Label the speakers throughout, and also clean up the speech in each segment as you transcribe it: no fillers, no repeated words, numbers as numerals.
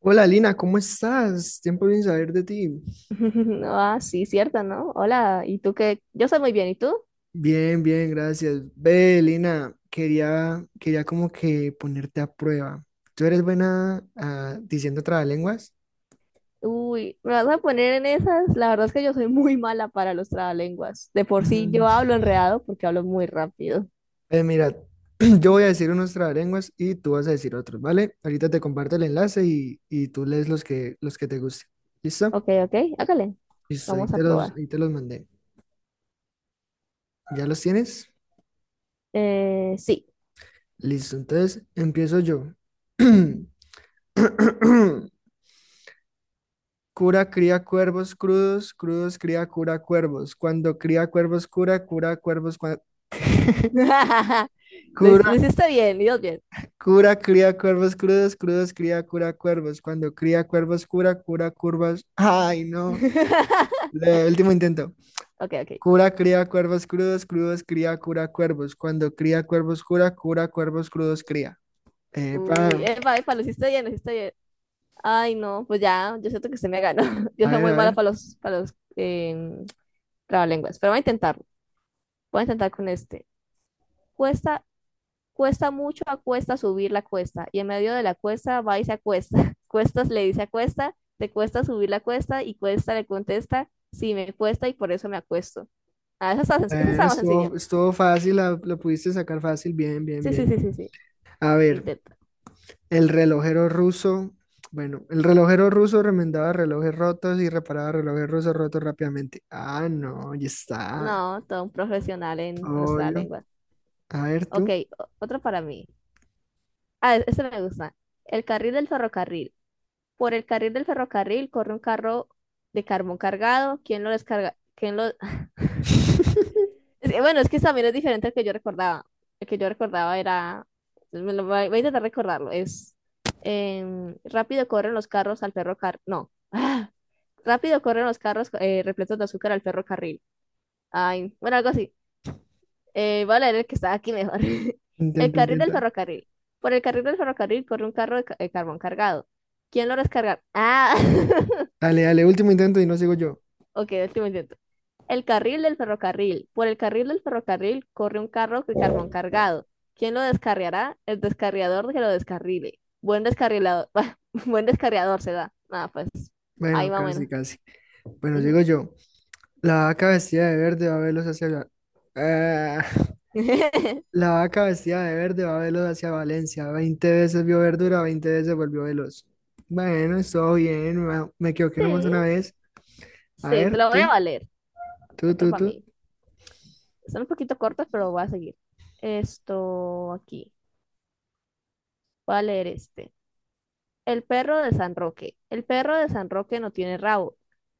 Speaker 1: Hola Lina, ¿cómo estás? Tiempo sin saber de ti.
Speaker 2: Ah, sí, cierto, ¿no? Hola, ¿y tú qué? Yo soy muy bien, ¿y tú?
Speaker 1: Bien, bien, gracias. Ve, Lina, quería como que ponerte a prueba. ¿Tú eres buena diciendo trabalenguas?
Speaker 2: Uy, ¿me vas a poner en esas? La verdad es que yo soy muy mala para los trabalenguas. De por sí
Speaker 1: Mm.
Speaker 2: yo hablo enredado porque hablo muy rápido.
Speaker 1: Mira, yo voy a decir unos trabalenguas y tú vas a decir otros, ¿vale? Ahorita te comparto el enlace y tú lees los que te gusten. ¿Listo?
Speaker 2: Ok, ok, hágale.
Speaker 1: Listo, ahí
Speaker 2: Vamos a
Speaker 1: te los,
Speaker 2: probar.
Speaker 1: ahí te los mandé. ¿Ya los tienes?
Speaker 2: Sí.
Speaker 1: Listo, entonces empiezo yo. Cura cría cuervos crudos, crudos cría cura cuervos. Cuando cría cuervos cura, cura cuervos.
Speaker 2: Lo, hic-
Speaker 1: Cura,
Speaker 2: lo hiciste bien, Dios bien.
Speaker 1: Cura cría cuervos crudos, crudos cría cura cuervos. Cuando cría cuervos cura, cura curvas. Ay, no. Último intento.
Speaker 2: Ok, ok.
Speaker 1: Cura cría cuervos crudos, crudos cría cura cuervos. Cuando cría cuervos cura, cura cuervos crudos cría. Epa.
Speaker 2: Uy, epa, epa, lo hiciste bien, lo hiciste bien. Ay, no, pues ya, yo siento que se me ganó. Yo
Speaker 1: A
Speaker 2: soy
Speaker 1: ver,
Speaker 2: muy
Speaker 1: a
Speaker 2: mala
Speaker 1: ver.
Speaker 2: para los trabalenguas, pero voy a intentarlo. Voy a intentar con este. Cuesta Cuesta mucho, acuesta subir la cuesta, y en medio de la cuesta va y se acuesta. Cuestas le dice, acuesta te cuesta subir la cuesta, y cuesta le contesta, sí, me cuesta y por eso me acuesto. Ah, eso está, senc- eso
Speaker 1: Bueno,
Speaker 2: está más sencillo.
Speaker 1: estuvo fácil, lo pudiste sacar fácil. Bien, bien,
Speaker 2: Sí, sí,
Speaker 1: bien.
Speaker 2: sí, sí, sí.
Speaker 1: A ver.
Speaker 2: Intenta.
Speaker 1: El relojero ruso, bueno, el relojero ruso remendaba relojes rotos y reparaba relojes rusos rotos rápidamente. Ah, no, ya está.
Speaker 2: No, todo un profesional en nuestra
Speaker 1: Obvio.
Speaker 2: lengua.
Speaker 1: A ver
Speaker 2: Ok,
Speaker 1: tú.
Speaker 2: otro para mí. Ah, este me gusta. El carril del ferrocarril. Por el carril del ferrocarril corre un carro de carbón cargado. ¿Quién lo descarga? ¿Quién lo...? Es que... Bueno, es que también es diferente al que yo recordaba. El que yo recordaba era... pues, voy a intentar recordarlo. Es... rápido corren los carros al ferrocarril. No. Ah. Rápido corren los carros, repletos de azúcar al ferrocarril. Ay, bueno, algo así. Voy a leer el que está aquí mejor. El
Speaker 1: Intenta,
Speaker 2: carril del
Speaker 1: intenta.
Speaker 2: ferrocarril. Por el carril del ferrocarril corre un carro de carbón cargado. ¿Quién lo descarga? Ah,
Speaker 1: Dale, dale, último intento y no sigo yo.
Speaker 2: ok, último intento. El carril del ferrocarril. Por el carril del ferrocarril corre un carro de carbón cargado. ¿Quién lo descarriará? El descarriador que lo descarrile. Buen descarrilador. Buen descarriador se da. Nada, pues ahí
Speaker 1: Bueno,
Speaker 2: va.
Speaker 1: casi,
Speaker 2: Bueno.
Speaker 1: casi. Bueno, sigo
Speaker 2: Ujú.
Speaker 1: yo. La vaca vestida de verde va a verlos hacia... Ah, la vaca vestida de verde va a verlos hacia Valencia. 20 veces vio verdura, 20 veces volvió veloz. Bueno, estuvo bien. Me equivoqué nomás
Speaker 2: Sí,
Speaker 1: una vez. A
Speaker 2: sí, te
Speaker 1: ver,
Speaker 2: lo voy a
Speaker 1: tú,
Speaker 2: valer.
Speaker 1: tú,
Speaker 2: Otro
Speaker 1: tú,
Speaker 2: para
Speaker 1: tú.
Speaker 2: mí. Están un poquito cortas, pero voy a seguir. Esto aquí. Voy a leer este. El perro de San Roque. El perro de San Roque no tiene rabo,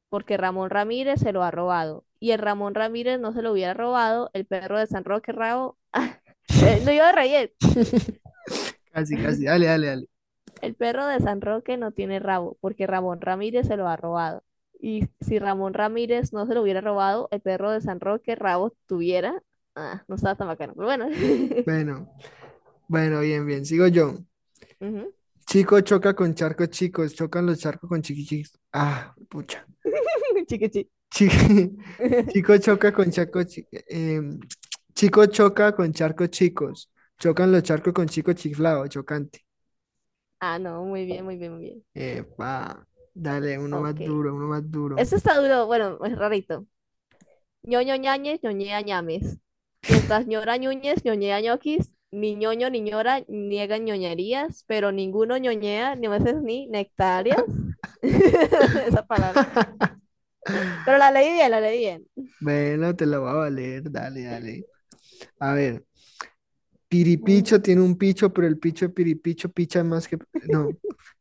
Speaker 2: porque Ramón Ramírez se lo ha robado. Y el Ramón Ramírez no se lo hubiera robado, el perro de San Roque rabo. Lo iba a reír.
Speaker 1: Casi, casi. Dale, dale, dale.
Speaker 2: El perro de San Roque no tiene rabo, porque Ramón Ramírez se lo ha robado. Y si Ramón Ramírez no se lo hubiera robado, el perro de San Roque rabo tuviera. Ah, no estaba tan bacano, pero bueno.
Speaker 1: Bueno, bueno, bien, bien. Sigo yo.
Speaker 2: Ujú.
Speaker 1: Chico choca con charcos chicos, chocan los charcos con chiquichis. Ah, pucha.
Speaker 2: Chiquichi.
Speaker 1: Chi- Chico, choca con charcos chi- em, chico choca con charcos chicos, chocan los charcos con chicos chiflados, chocante.
Speaker 2: Ah, no, muy bien, muy bien, muy bien.
Speaker 1: Epa, dale, uno
Speaker 2: Ok.
Speaker 1: más duro, uno más duro.
Speaker 2: Eso está duro, bueno, es rarito. Ñoño Ñañez, Ñoñea Ñames. Mientras Ñora Ñúñez, Ñoñea Ñoquis, ni Ñoño ni Ñora niegan ñoñerías, pero ninguno ñoñea, ni veces ni nectarias. Esa palabra. Pero la leí bien, la leí bien.
Speaker 1: Bueno, te lo voy a valer, dale, dale. A ver. Piripicho tiene un picho, pero el picho de Piripicho picha más que... No,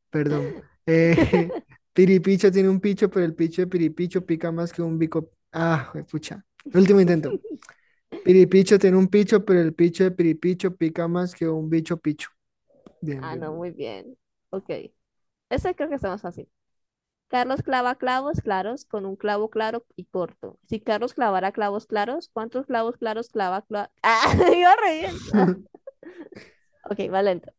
Speaker 1: perdón. Eh, Piripicho tiene un picho, pero el picho de Piripicho pica más que un bico... Ah, pucha. Último intento. Piripicho tiene un picho, pero el picho de Piripicho pica más que un bicho picho. Bien,
Speaker 2: Ah,
Speaker 1: bien,
Speaker 2: no,
Speaker 1: bien.
Speaker 2: muy bien. Ok. Ese creo que está más fácil. Carlos clava clavos claros con un clavo claro y corto. Si Carlos clavara clavos claros, ¿cuántos clavos claros clava? Ah, iba re bien. Ah, ok, va lento.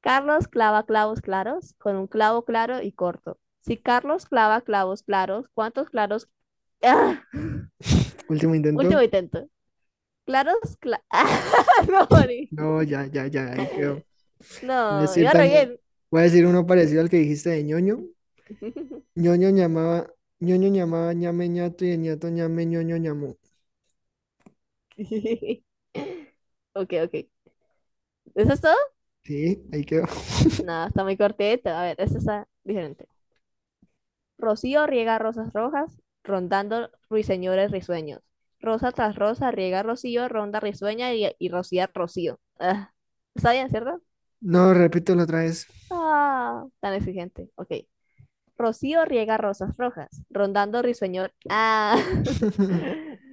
Speaker 2: Carlos clava clavos claros con un clavo claro y corto. Si Carlos clava clavos claros, ¿cuántos claros? Ah,
Speaker 1: Último intento.
Speaker 2: último intento. Claros, Ah, no,
Speaker 1: No, ya, ya, ya, ahí quedó. Voy a
Speaker 2: no,
Speaker 1: decir
Speaker 2: iba re
Speaker 1: también,
Speaker 2: bien.
Speaker 1: voy a decir uno parecido al que dijiste de ñoño. ñoño llamaba, ñoño llamaba ñame ñato y el ñato ñame ñoño ñamó.
Speaker 2: Ok, ok. ¿Eso es todo?
Speaker 1: Sí, ahí quedó.
Speaker 2: No, está muy cortito. A ver, eso está diferente. Rocío riega rosas rojas, rondando ruiseñores risueños. Rosa tras rosa riega rocío, ronda risueña y rocía rocío. Ah, ¿está bien, cierto?
Speaker 1: No, repítelo otra vez.
Speaker 2: Ah, tan exigente. Ok. Rocío riega rosas rojas, rondando risueñor. Ah.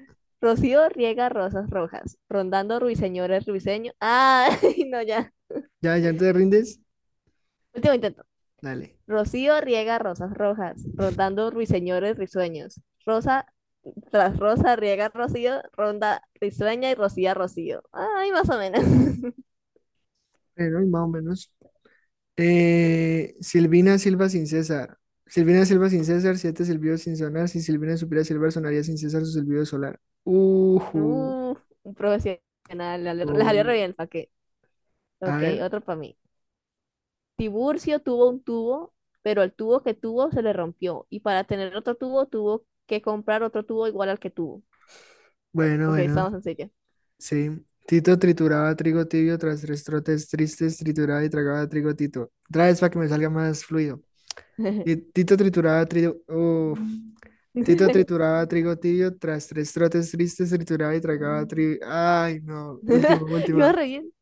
Speaker 2: Rocío riega rosas rojas, rondando ruiseñores risueños. Ah, no, ya.
Speaker 1: Ya, ya te rindes.
Speaker 2: Último intento.
Speaker 1: Dale.
Speaker 2: Rocío riega rosas rojas, rondando ruiseñores risueños. Rosa tras rosa, riega rocío, ronda risueña y rocía rocío. Ay, más o menos.
Speaker 1: Bueno, y más o menos. Silvina Silva sin César. Silvina Silva sin César, siete silbidos sin sonar. Si Silvina supiera silbar, sonaría sin César su silbido solar. Ujú.
Speaker 2: Uf, un profesional. La salió re
Speaker 1: Obvio.
Speaker 2: bien el qué.
Speaker 1: A
Speaker 2: Ok,
Speaker 1: ver.
Speaker 2: otro para mí. Tiburcio tuvo un tubo, pero el tubo que tuvo se le rompió. Y para tener otro tubo, tuvo que comprar otro tubo igual al que tuvo.
Speaker 1: Bueno,
Speaker 2: Ok,
Speaker 1: bueno.
Speaker 2: estamos en serio.
Speaker 1: Sí. Tito trituraba trigo tibio tras tres trotes tristes, trituraba y tragaba trigo Tito. Otra vez para que me salga más fluido. Tito trituraba trigo, uf. Tito trituraba trigo tibio, tras tres trotes tristes trituraba y tragaba trigo. Ay, no, última,
Speaker 2: Iba
Speaker 1: última.
Speaker 2: re bien.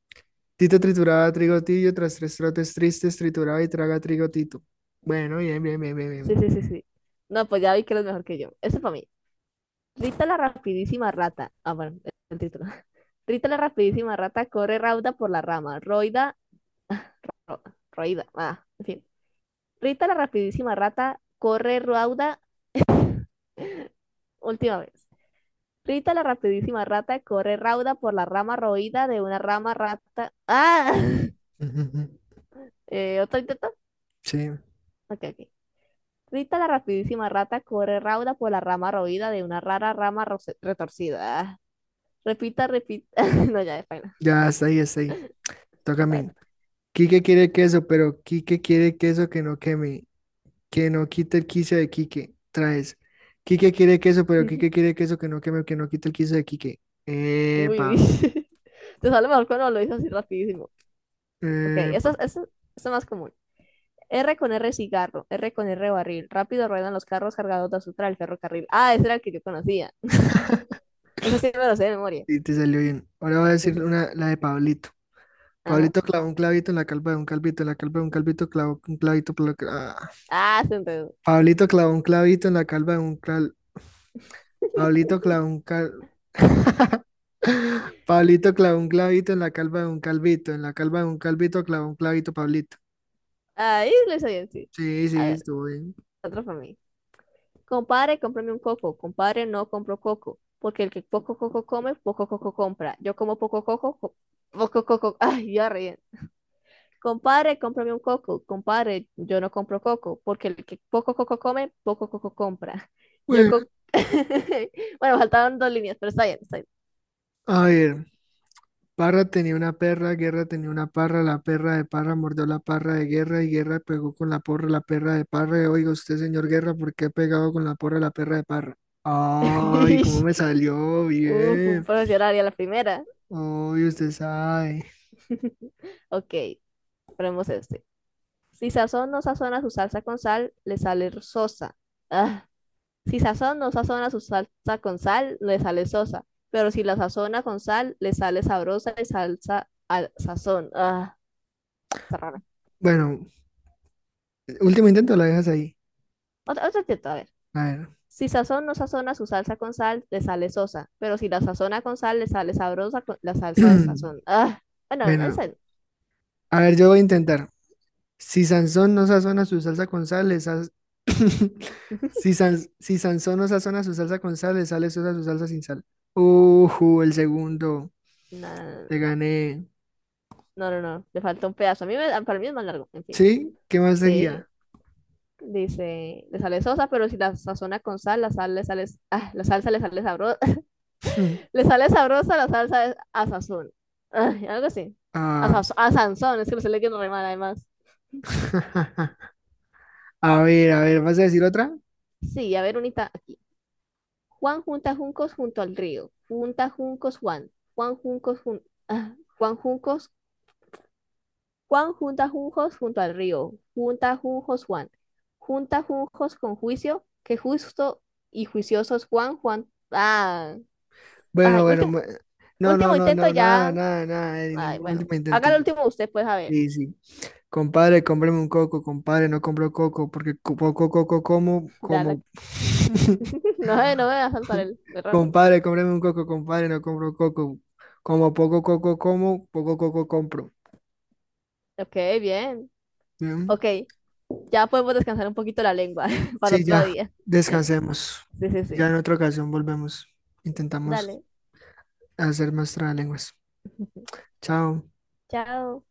Speaker 1: Tito trituraba trigo tibio, tras tres trotes tristes trituraba y traga trigo Tito. Bueno, bien, bien, bien, bien,
Speaker 2: Sí,
Speaker 1: bien.
Speaker 2: sí, sí, sí. No, pues ya vi que eres mejor que yo. Eso para mí. Rita la rapidísima rata. Ah, bueno, el título. Rita la rapidísima rata corre rauda por la rama. Roida. ro- Roida. Ah, en fin. Rita la rapidísima rata corre rauda. Última vez. Rita la rapidísima rata corre rauda por la rama roída de una rama rata. ¡Ah!
Speaker 1: Ujú, ujú.
Speaker 2: ¿Otro intento?
Speaker 1: Sí,
Speaker 2: Ok, ok. Rita la rapidísima rata corre rauda por la rama roída de una rara rama retorcida. Ah, repita, repita. No, ya,
Speaker 1: ya está ahí, está ahí. Toca a mí. Quique quiere queso, pero Quique quiere queso que no queme, que no quite el quicio de Quique. Traes. Quique quiere queso, pero
Speaker 2: de
Speaker 1: Quique quiere queso que no queme, que no quite el quicio de Quique.
Speaker 2: Uy,
Speaker 1: Epa.
Speaker 2: te sale mejor cuando lo dices así rapidísimo. Ok,
Speaker 1: Eh,
Speaker 2: esta
Speaker 1: pa-
Speaker 2: es, esta- esta es más común. R con R cigarro, R con R barril. Rápido ruedan los carros cargados de azúcar al ferrocarril. Ah, ese era el que yo conocía. Ese sí me lo sé de memoria.
Speaker 1: sí, te salió bien. Ahora voy a
Speaker 2: Sí,
Speaker 1: decir
Speaker 2: sí.
Speaker 1: una, la de Pablito.
Speaker 2: Ajá.
Speaker 1: Pablito clavó un clavito en la calva de un calvito, en la calva de un calvito clavó un clavito.
Speaker 2: Ah, se enredó.
Speaker 1: Pablito clavó un clavito en la calva de un cal... Pablito clavó un cal... Pablito clavó un clavito en la calva de un calvito, en la calva de un calvito clavó un clavito, Pablito.
Speaker 2: Ahí lo hice bien, sí.
Speaker 1: Sí,
Speaker 2: A
Speaker 1: sí,
Speaker 2: ver,
Speaker 1: estuvo bien.
Speaker 2: otro para mí. Compadre, cómprame un coco. Compadre, no compro coco. Porque el que poco coco come, poco coco compra. Yo como poco coco, poco coco. Ay, ya reí. Compadre, cómprame un coco. Compadre, yo no compro coco, porque el que poco coco come, poco coco compra. Yo
Speaker 1: Bueno,
Speaker 2: co- Bueno, faltaban dos líneas, pero está bien, está bien.
Speaker 1: a ver. Parra tenía una perra, Guerra tenía una parra, la perra de Parra mordió la parra de Guerra y Guerra pegó con la porra la perra de Parra. Y, Oiga usted, señor Guerra, ¿por qué ha pegado con la porra la perra de Parra? Ay, cómo me salió
Speaker 2: Uf, un
Speaker 1: bien.
Speaker 2: profesional y a la primera.
Speaker 1: Ay, usted sabe.
Speaker 2: Ok, ponemos este. Si sazón no sazona su salsa con sal, le sale sosa. Ah, si sazón no sazona su salsa con sal, le sale sosa. Pero si la sazona con sal, le sale sabrosa y salsa al sazón. Ah, está rara.
Speaker 1: Bueno, último intento, la dejas ahí.
Speaker 2: Otra intento, a ver.
Speaker 1: A ver.
Speaker 2: Si Sazón no sazona su salsa con sal, le sale sosa. Pero si la sazona con sal, le sale sabrosa con la salsa de sazón. Ah, bueno, ahí
Speaker 1: Bueno,
Speaker 2: sale.
Speaker 1: a ver, yo voy a intentar. Si Sansón no sazona su salsa con sal, Si Sansón no sazona su salsa con sal, le sale sosa su salsa sin sal. Ujú, el segundo.
Speaker 2: No,
Speaker 1: Te
Speaker 2: no,
Speaker 1: gané.
Speaker 2: no, no, no, le falta un pedazo. Para mí es más largo, en fin.
Speaker 1: ¿Sí? ¿Qué más
Speaker 2: Sí,
Speaker 1: seguía?
Speaker 2: dice, le sale sosa, pero si la sazona con sal, la salsa le sale sabrosa, le sale sabrosa, la salsa de a sazón. Ay, algo así. A,
Speaker 1: Ah,
Speaker 2: saz- a Sansón, es que lo estoy leyendo re mal además.
Speaker 1: a ver, ¿vas a decir otra?
Speaker 2: Sí, a ver, unita, Juan junta juncos junto al río. Junta juncos Juan. Juan juncos. Juan junta juncos junto al río. Junta juncos Juan. Junta juncos con juicio. Que justo y juiciosos Juan. Juan. Ah.
Speaker 1: Bueno,
Speaker 2: Ay,
Speaker 1: bueno.
Speaker 2: último,
Speaker 1: No, no,
Speaker 2: último
Speaker 1: no,
Speaker 2: intento
Speaker 1: no, nada,
Speaker 2: ya.
Speaker 1: nada, nada.
Speaker 2: Ay,
Speaker 1: Ningún
Speaker 2: bueno.
Speaker 1: último
Speaker 2: Haga
Speaker 1: intento.
Speaker 2: el último usted, pues, a ver.
Speaker 1: Sí, sí. Compadre, cómprame un coco, compadre, no compro coco, porque poco coco como,
Speaker 2: Ya la-
Speaker 1: como
Speaker 2: No, no me va a saltar el error.
Speaker 1: Compadre, cómprame un coco, compadre, no compro coco. Como poco coco como, poco coco compro.
Speaker 2: Ok, bien. Ok.
Speaker 1: Bien.
Speaker 2: Ya podemos descansar un poquito la lengua para
Speaker 1: Sí,
Speaker 2: otro
Speaker 1: ya,
Speaker 2: día.
Speaker 1: descansemos.
Speaker 2: Sí, sí,
Speaker 1: Ya
Speaker 2: sí.
Speaker 1: en otra ocasión volvemos. Intentamos
Speaker 2: Dale.
Speaker 1: hacer más trabalenguas. Chao.
Speaker 2: Chao.